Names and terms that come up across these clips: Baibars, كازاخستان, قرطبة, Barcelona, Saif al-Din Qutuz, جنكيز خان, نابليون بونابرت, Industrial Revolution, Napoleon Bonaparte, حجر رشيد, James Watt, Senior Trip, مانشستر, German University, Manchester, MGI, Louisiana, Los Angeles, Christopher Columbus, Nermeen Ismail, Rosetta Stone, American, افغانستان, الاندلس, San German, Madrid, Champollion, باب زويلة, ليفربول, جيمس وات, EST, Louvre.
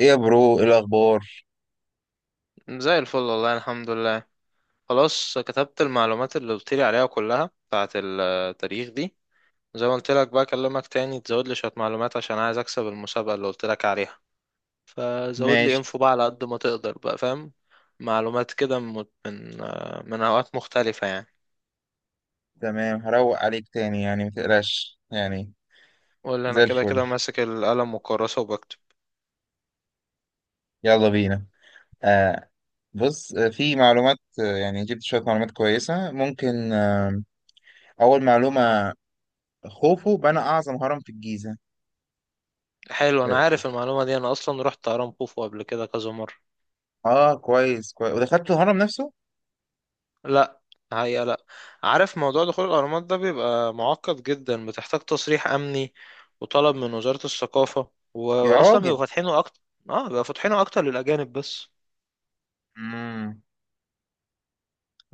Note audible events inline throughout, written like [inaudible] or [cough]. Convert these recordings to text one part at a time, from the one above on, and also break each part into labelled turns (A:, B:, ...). A: ايه يا برو، ايه الاخبار؟
B: زي الفل والله، الحمد لله. خلاص كتبت المعلومات اللي قلت لي عليها كلها بتاعت التاريخ دي. زي ما قلت لك بقى اكلمك تاني تزود لي شوية معلومات عشان عايز اكسب المسابقة اللي قلت لك عليها. فزود لي
A: ماشي.
B: انفو بقى على قد ما تقدر بقى، فاهم؟ معلومات كده من من اوقات مختلفة يعني.
A: تمام، هروق عليك تاني يعني متقلقش يعني.
B: ولا انا
A: زي
B: كده
A: الفل.
B: كده ماسك القلم والكراسة وبكتب.
A: يلا بينا. آه. بص، في معلومات، يعني جبت شوية معلومات كويسة ممكن. آه، اول معلومة: خوفو بنى اعظم هرم في الجيزة.
B: حلو، انا
A: اه.
B: عارف المعلومة دي، انا اصلا رحت هرم خوفو قبل كده كذا مرة.
A: كويس كويس. ودخلت الهرم نفسه؟
B: لا. هي لا عارف موضوع دخول الأهرامات ده بيبقى معقد جدا، بتحتاج تصريح أمني وطلب من وزارة الثقافة،
A: يا
B: وأصلا
A: راجل.
B: بيبقوا فاتحينه أكتر. اه، بيبقوا فاتحينه أكتر للأجانب بس.
A: امم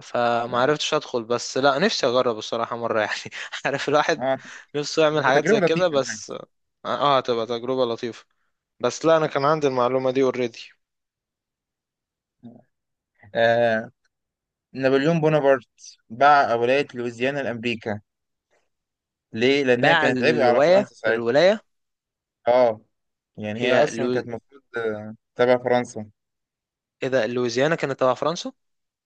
B: فما
A: اه.
B: عرفتش أدخل، بس لا، نفسي أجرب الصراحة مرة يعني. [laughs] عارف الواحد
A: آه،
B: نفسه يعمل
A: تبقى
B: حاجات
A: تجربة
B: زي كده
A: لطيفة انا
B: بس.
A: حاسس.
B: اه، هتبقى تجربة لطيفة. بس لا، أنا كان عندي المعلومة دي اوريدي.
A: آه، نابليون بونابرت باع ولاية لويزيانا لأمريكا. ليه؟ لأن هي
B: باع
A: كانت عبء على
B: الولاية
A: فرنسا ساعتها. اه، يعني هي
B: هي
A: اصلا
B: لو...
A: كانت المفروض، تبع فرنسا.
B: إذا لويزيانا كانت تبع فرنسا.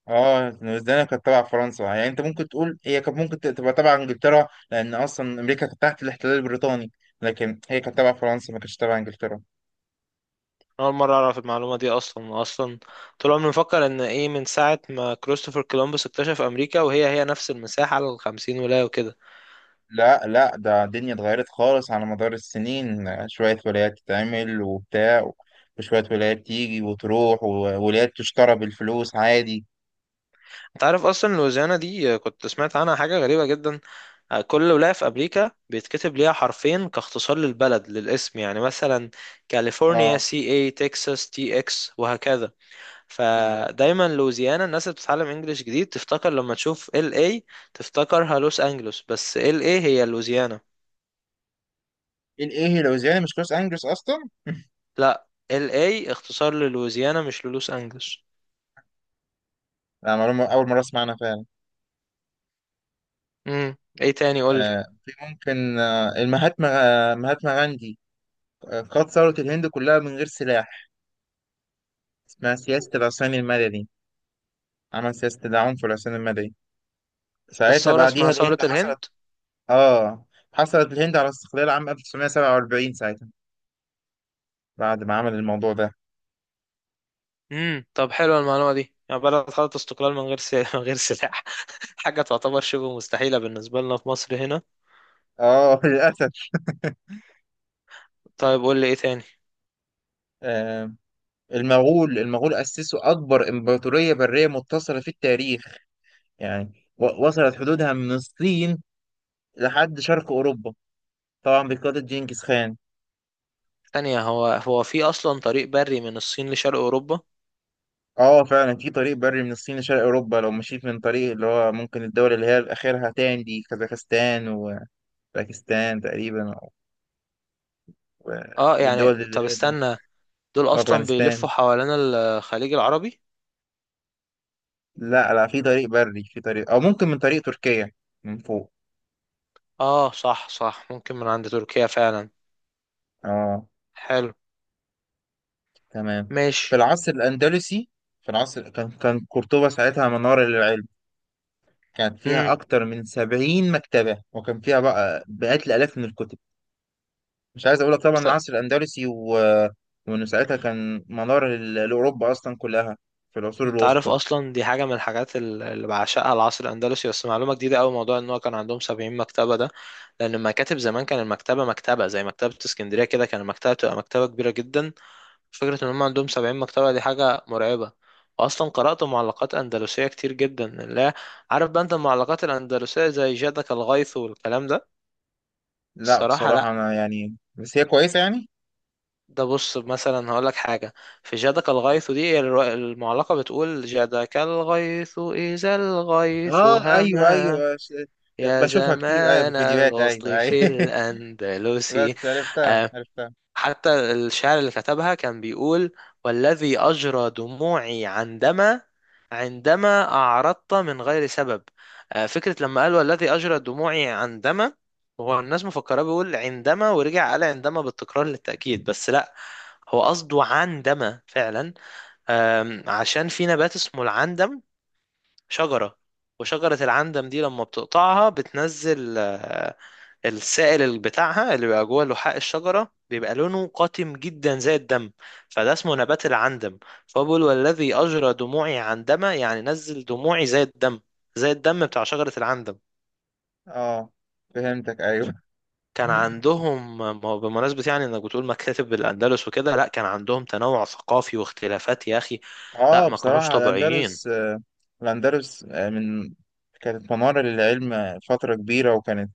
A: اه، نيوزيلندا كانت تبع فرنسا. يعني انت ممكن تقول هي كانت ممكن تبقى تبع انجلترا، لان اصلا امريكا كانت تحت الاحتلال البريطاني. لكن هي كانت تبع فرنسا، ما كانتش تبع انجلترا.
B: أول مرة أعرف المعلومة دي أصلا. طول عمري مفكر إن إيه، من ساعة ما كريستوفر كولومبوس اكتشف أمريكا وهي نفس المساحة على الخمسين ولاية وكده.
A: لا لا، ده الدنيا اتغيرت خالص على مدار السنين. شوية ولايات تتعمل وبتاع، وشوية ولايات تيجي وتروح، وولايات تشترى بالفلوس عادي.
B: أنت عارف أصلا لويزيانا دي، كنت سمعت عنها حاجة غريبة جدا. كل ولاية في أمريكا بيتكتب ليها حرفين كاختصار للبلد، للاسم، يعني مثلا كاليفورنيا
A: اه،
B: سي اي، تكساس تي اكس، وهكذا.
A: بالظبط.
B: فدايما لويزيانا الناس اللي بتتعلم انجليش جديد تفتكر لما تشوف ال اي تفتكرها لوس انجلوس، بس ال اي هي لويزيانا.
A: ايه ايه، لوزيانا مش لوس انجلوس اصلا.
B: لا، ال اي اختصار للويزيانا مش للوس انجلوس.
A: لا، معلومة اول مرة اسمعنا.
B: ايه تاني؟ قول لي.
A: آه، في ممكن آه، المهاتما، مهاتما غاندي، قاد ثورة الهند كلها من غير سلاح. اسمها سياسة العصيان المدني. عمل سياسة العنف والعصيان المدني. ساعتها
B: الثوره
A: بعديها
B: اسمها ثوره
A: الهند حصلت.
B: الهند.
A: اه، حصلت الهند على استقلال عام 1947 ساعتها، بعد ما عمل الموضوع ده.
B: طب حلوه المعلومه دي، يعني بلد خدت استقلال من غير [laughs] من غير سلاح. حاجه تعتبر شبه مستحيله بالنسبه لنا في مصر هنا.
A: اه. [laughs] للأسف.
B: طيب قول لي ايه تاني.
A: آه، المغول. المغول أسسوا أكبر إمبراطورية برية متصلة في التاريخ. يعني وصلت حدودها من الصين لحد شرق أوروبا، طبعا بقيادة جنكيز خان.
B: ثانيه، هو في اصلا طريق بري من الصين لشرق اوروبا؟
A: اه فعلا، في طريق بري من الصين لشرق اوروبا. لو مشيت من طريق، اللي هو ممكن الدول اللي هي اخرها تاني دي كازاخستان وباكستان تقريبا، و-
B: اه،
A: والدول
B: يعني طب
A: اللي هي
B: استنى. دول اصلا
A: وافغانستان.
B: بيلفوا حوالين الخليج العربي.
A: لا لا، في طريق بري، في طريق او ممكن من طريق تركيا من فوق.
B: اه صح، صح، ممكن من عند تركيا فعلا.
A: اه.
B: حلو.
A: تمام. في
B: ماشي.
A: العصر الاندلسي، في العصر كان كان قرطبة ساعتها منارة للعلم. كانت فيها
B: امم.
A: اكتر من سبعين مكتبة، وكان فيها بقى مئات الالاف من الكتب. مش عايز اقول لك طبعا العصر الاندلسي وانه ساعتها كان منار لاوروبا اصلا كلها في العصور
B: انت عارف
A: الوسطى.
B: اصلا دي حاجه من الحاجات اللي بعشقها، العصر الاندلسي، بس معلومه جديده قوي موضوع ان هو كان عندهم 70 مكتبه ده. لان المكاتب زمان، كان المكتبه، مكتبه زي مكتبه اسكندريه كده، كان المكتبه بتبقى مكتبه كبيره جدا. فكره ان هم عندهم 70 مكتبه دي حاجه مرعبه. واصلا قرات معلقات اندلسيه كتير جدا. لا عارف بقى انت المعلقات الاندلسيه زي جادك الغيث والكلام ده؟
A: لا
B: الصراحه
A: بصراحه،
B: لا.
A: انا يعني بس هي كويسه يعني.
B: ده بص مثلا هقول لك حاجة، في جادك الغيث دي المعلقة بتقول: جادك الغيث إذا الغيث
A: اه ايوه
B: هما،
A: ايوه،
B: يا
A: بشوفها كتير، ايوه، في
B: زمان
A: فيديوهات. ايوه
B: الوصل
A: ايوه.
B: في
A: [laughs]
B: الأندلس.
A: بس عرفتها عرفتها.
B: حتى الشعر اللي كتبها كان بيقول: والذي أجرى دموعي عندما، عندما أعرضت من غير سبب. فكرة لما قال والذي أجرى دموعي عندما، هو الناس مفكرة بيقول عندما ورجع قال عندما بالتكرار للتأكيد، بس لا، هو قصده عندما فعلا. عشان في نبات اسمه العندم، شجرة. وشجرة العندم دي لما بتقطعها بتنزل، السائل اللي بتاعها اللي بيبقى جوه لحاء الشجرة، بيبقى لونه قاتم جدا زي الدم. فده اسمه نبات العندم. فهو بيقول والذي أجرى دموعي عندما، يعني نزل دموعي زي الدم، زي الدم بتاع شجرة العندم.
A: اه، فهمتك، ايوه.
B: كان عندهم، ما هو بمناسبة يعني انك بتقول مكاتب الأندلس وكده، لا، كان عندهم تنوع ثقافي واختلافات يا أخي. لا
A: اه،
B: ما كانوش
A: بصراحه
B: طبيعيين.
A: الاندلس، من كانت منار للعلم فتره كبيره، وكانت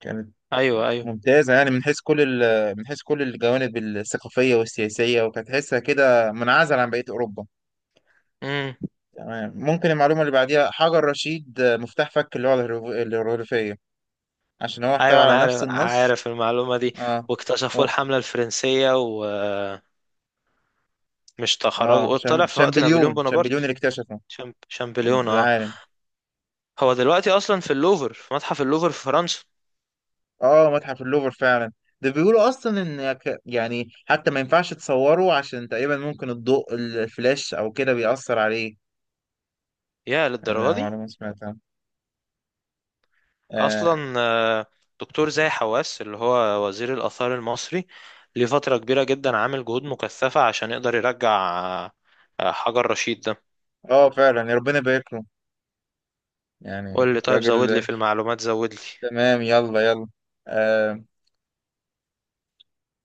A: كانت
B: ايوه، ايوه.
A: ممتازة يعني من حيث كل من حيث كل الجوانب الثقافية والسياسية، وكانت تحسها كده منعزل عن بقية أوروبا.
B: امم.
A: تمام. ممكن المعلومة اللي بعديها حجر رشيد، مفتاح فك اللغة الهيروغليفية، عشان هو احتوى
B: ايوه انا
A: على نفس
B: عارف
A: النص.
B: عارف المعلومة دي.
A: اه.
B: واكتشفوا
A: و...
B: الحملة الفرنسية و مش
A: اه،
B: تخرج، طلع في وقت نابليون
A: شامبليون.
B: بونابرت.
A: شامبليون اللي اكتشفه
B: شامبليون، اه.
A: العالم.
B: هو دلوقتي اصلا في اللوفر، في متحف اللوفر في فرنسا.
A: اه، متحف اللوفر فعلا. ده بيقولوا اصلا ان يعني حتى ما ينفعش تصوره، عشان تقريبا ممكن الضوء الفلاش او كده بيأثر عليه.
B: يا للدرجه
A: انا
B: دي.
A: معلومة سمعتها. آه.
B: اصلا دكتور زاهي حواس اللي هو وزير الاثار المصري، ليه فتره كبيره جدا عامل جهود مكثفه عشان يقدر يرجع، آه، حجر رشيد ده.
A: اه فعلا، يا ربنا يبارك له، يعني
B: قول لي، طيب زود لي
A: راجل.
B: في المعلومات، زود
A: تمام، يلا يلا. آه،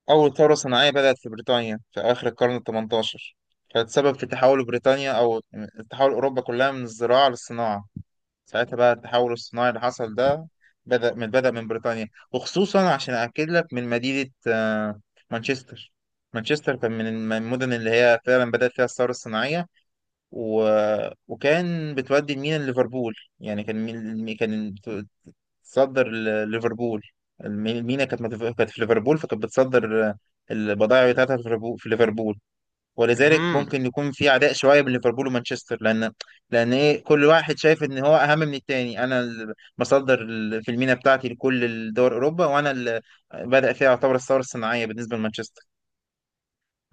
A: أول ثورة صناعية بدأت في بريطانيا في آخر القرن الثمنتاشر. كانت سبب في تحول بريطانيا، أو تحول أوروبا كلها، من الزراعة للصناعة. ساعتها بقى التحول الصناعي اللي حصل ده بدأ من بريطانيا، وخصوصا عشان أكد لك من مدينة، مانشستر. مانشستر كان من المدن اللي هي فعلا بدأت فيها الثورة الصناعية. و... وكان بتودي المينا ليفربول. يعني كان كان صدر ليفربول. مينا كانت كانت في ليفربول، فكانت بتصدر البضائع بتاعتها في ليفربول. ولذلك
B: لي.
A: ممكن يكون في عداء شويه بين ليفربول ومانشستر، لان لان ايه، كل واحد شايف ان هو اهم من التاني. انا بصدر في المينا بتاعتي لكل دول اوروبا، وانا اللي بدأ فيها يعتبر الثوره الصناعيه بالنسبه لمانشستر.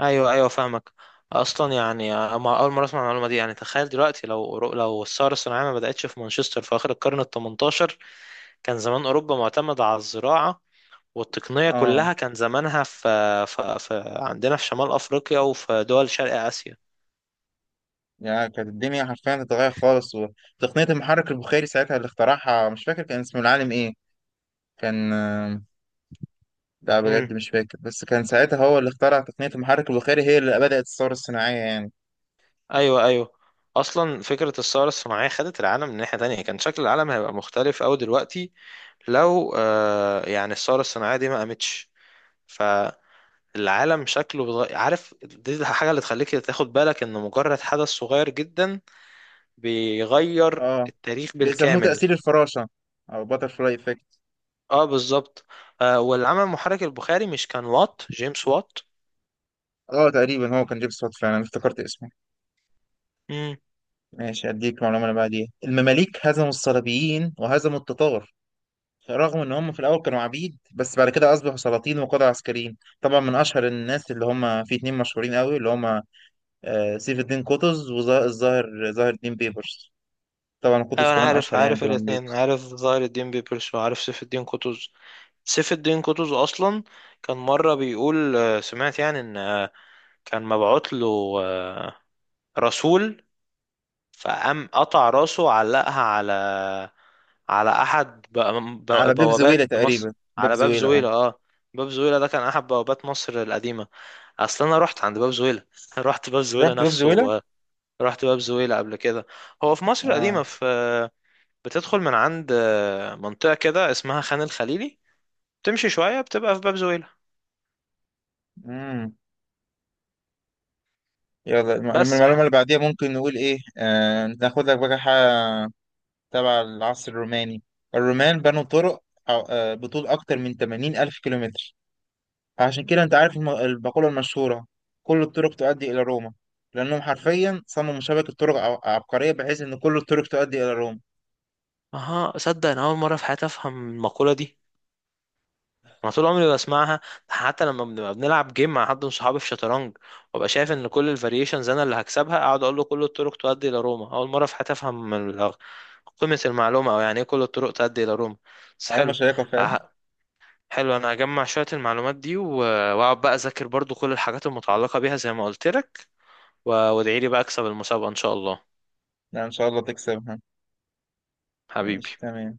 B: ايوه ايوه فاهمك. اصلا يعني أما اول مره اسمع المعلومه دي، يعني تخيل دلوقتي لو لو الثوره الصناعيه ما بداتش في مانشستر في اخر القرن ال 18، كان زمان اوروبا معتمده على الزراعه، والتقنيه
A: اه،
B: كلها كان زمانها في عندنا في شمال افريقيا وفي دول شرق اسيا.
A: يعني كانت الدنيا حرفيا اتغيرت خالص. وتقنيه المحرك البخاري ساعتها اللي اخترعها، مش فاكر كان اسمه العالم ايه. كان، لا
B: امم.
A: بجد مش فاكر، بس كان ساعتها هو اللي اخترع تقنية المحرك البخاري، هي اللي بدأت الثورة الصناعية يعني.
B: ايوه ايوه. اصلا فكره الثوره الصناعيه خدت العالم من ناحيه تانية، كان شكل العالم هيبقى مختلف أوي دلوقتي لو يعني الثوره الصناعيه دي ما قامتش. العالم شكله بتغير، عارف دي الحاجة اللي تخليك تاخد بالك ان مجرد حدث صغير جدا بيغير
A: اه،
B: التاريخ
A: بيسموه
B: بالكامل.
A: تأثير الفراشة، أو باتر فلاي إفكت.
B: اه بالظبط. والعمل المحرك البخاري، مش كان وات، جيمس وات؟
A: اه تقريبا هو كان جيمس وات فعلا، أنا افتكرت اسمه.
B: امم.
A: ماشي، أديك معلومة اللي بعديها: المماليك هزموا الصليبيين وهزموا التتار، رغم إن هم في الأول كانوا عبيد، بس بعد كده أصبحوا سلاطين وقادة عسكريين. طبعا من أشهر الناس اللي هم في اتنين مشهورين قوي اللي هم، سيف الدين قطز، ظاهر الدين بيبرس. طبعا قطز
B: ايوه انا
A: كمان
B: عارف
A: أشهر يعني
B: عارف
A: طبعا.
B: الاثنين، عارف ظاهر الدين بيبرس وعارف سيف الدين قطز. سيف الدين قطز اصلا كان مرة بيقول، سمعت يعني ان كان مبعوت له آه، رسول، فقام قطع راسه وعلقها على، على احد
A: على باب
B: بوابات
A: زويلة
B: مصر.
A: تقريبا، باب
B: على باب
A: زويلة، اه.
B: زويلة، اه. باب زويلة ده كان احد بوابات مصر القديمة. اصل انا رحت عند باب زويلة [laughs] رحت باب زويلة
A: رحت باب
B: نفسه
A: زويلة،
B: رحت باب زويلة قبل كده. هو في مصر القديمة
A: اه.
B: في، بتدخل من عند منطقة كده اسمها خان الخليلي، تمشي شوية بتبقى في باب زويلة.
A: امم. يلا، لما
B: بس
A: المعلومة
B: يعني.
A: اللي بعديها ممكن نقول ايه، آه ناخد لك بقى حاجة تبع العصر الروماني. الرومان بنوا طرق آه، بطول أكتر من 80 ألف كيلومتر. عشان كده أنت عارف المقولة المشهورة: كل الطرق تؤدي إلى روما. لأنهم حرفيا صمموا شبكة طرق عبقرية، بحيث إن كل الطرق تؤدي إلى روما.
B: اها صدق، انا اول مرة في حياتي افهم المقولة دي، انا طول عمري بسمعها. حتى لما بنبقى بنلعب جيم مع حد من صحابي في شطرنج، وابقى شايف ان كل الفاريشنز انا اللي هكسبها، اقعد اقول له كل الطرق تؤدي الى روما. اول مره في حياتي افهم قيمه المعلومه، او يعني ايه كل الطرق تؤدي الى روما. بس
A: معلومة
B: حلو.
A: شيقة فعلا.
B: أه-
A: [laughs]
B: حلو انا هجمع شويه المعلومات دي واقعد بقى اذاكر برضو كل الحاجات المتعلقه بيها زي ما قلت لك، وادعي لي بقى اكسب المسابقه ان شاء الله.
A: لا إن شاء الله تكسبها.
B: حبيبي.
A: ماشي، تمام.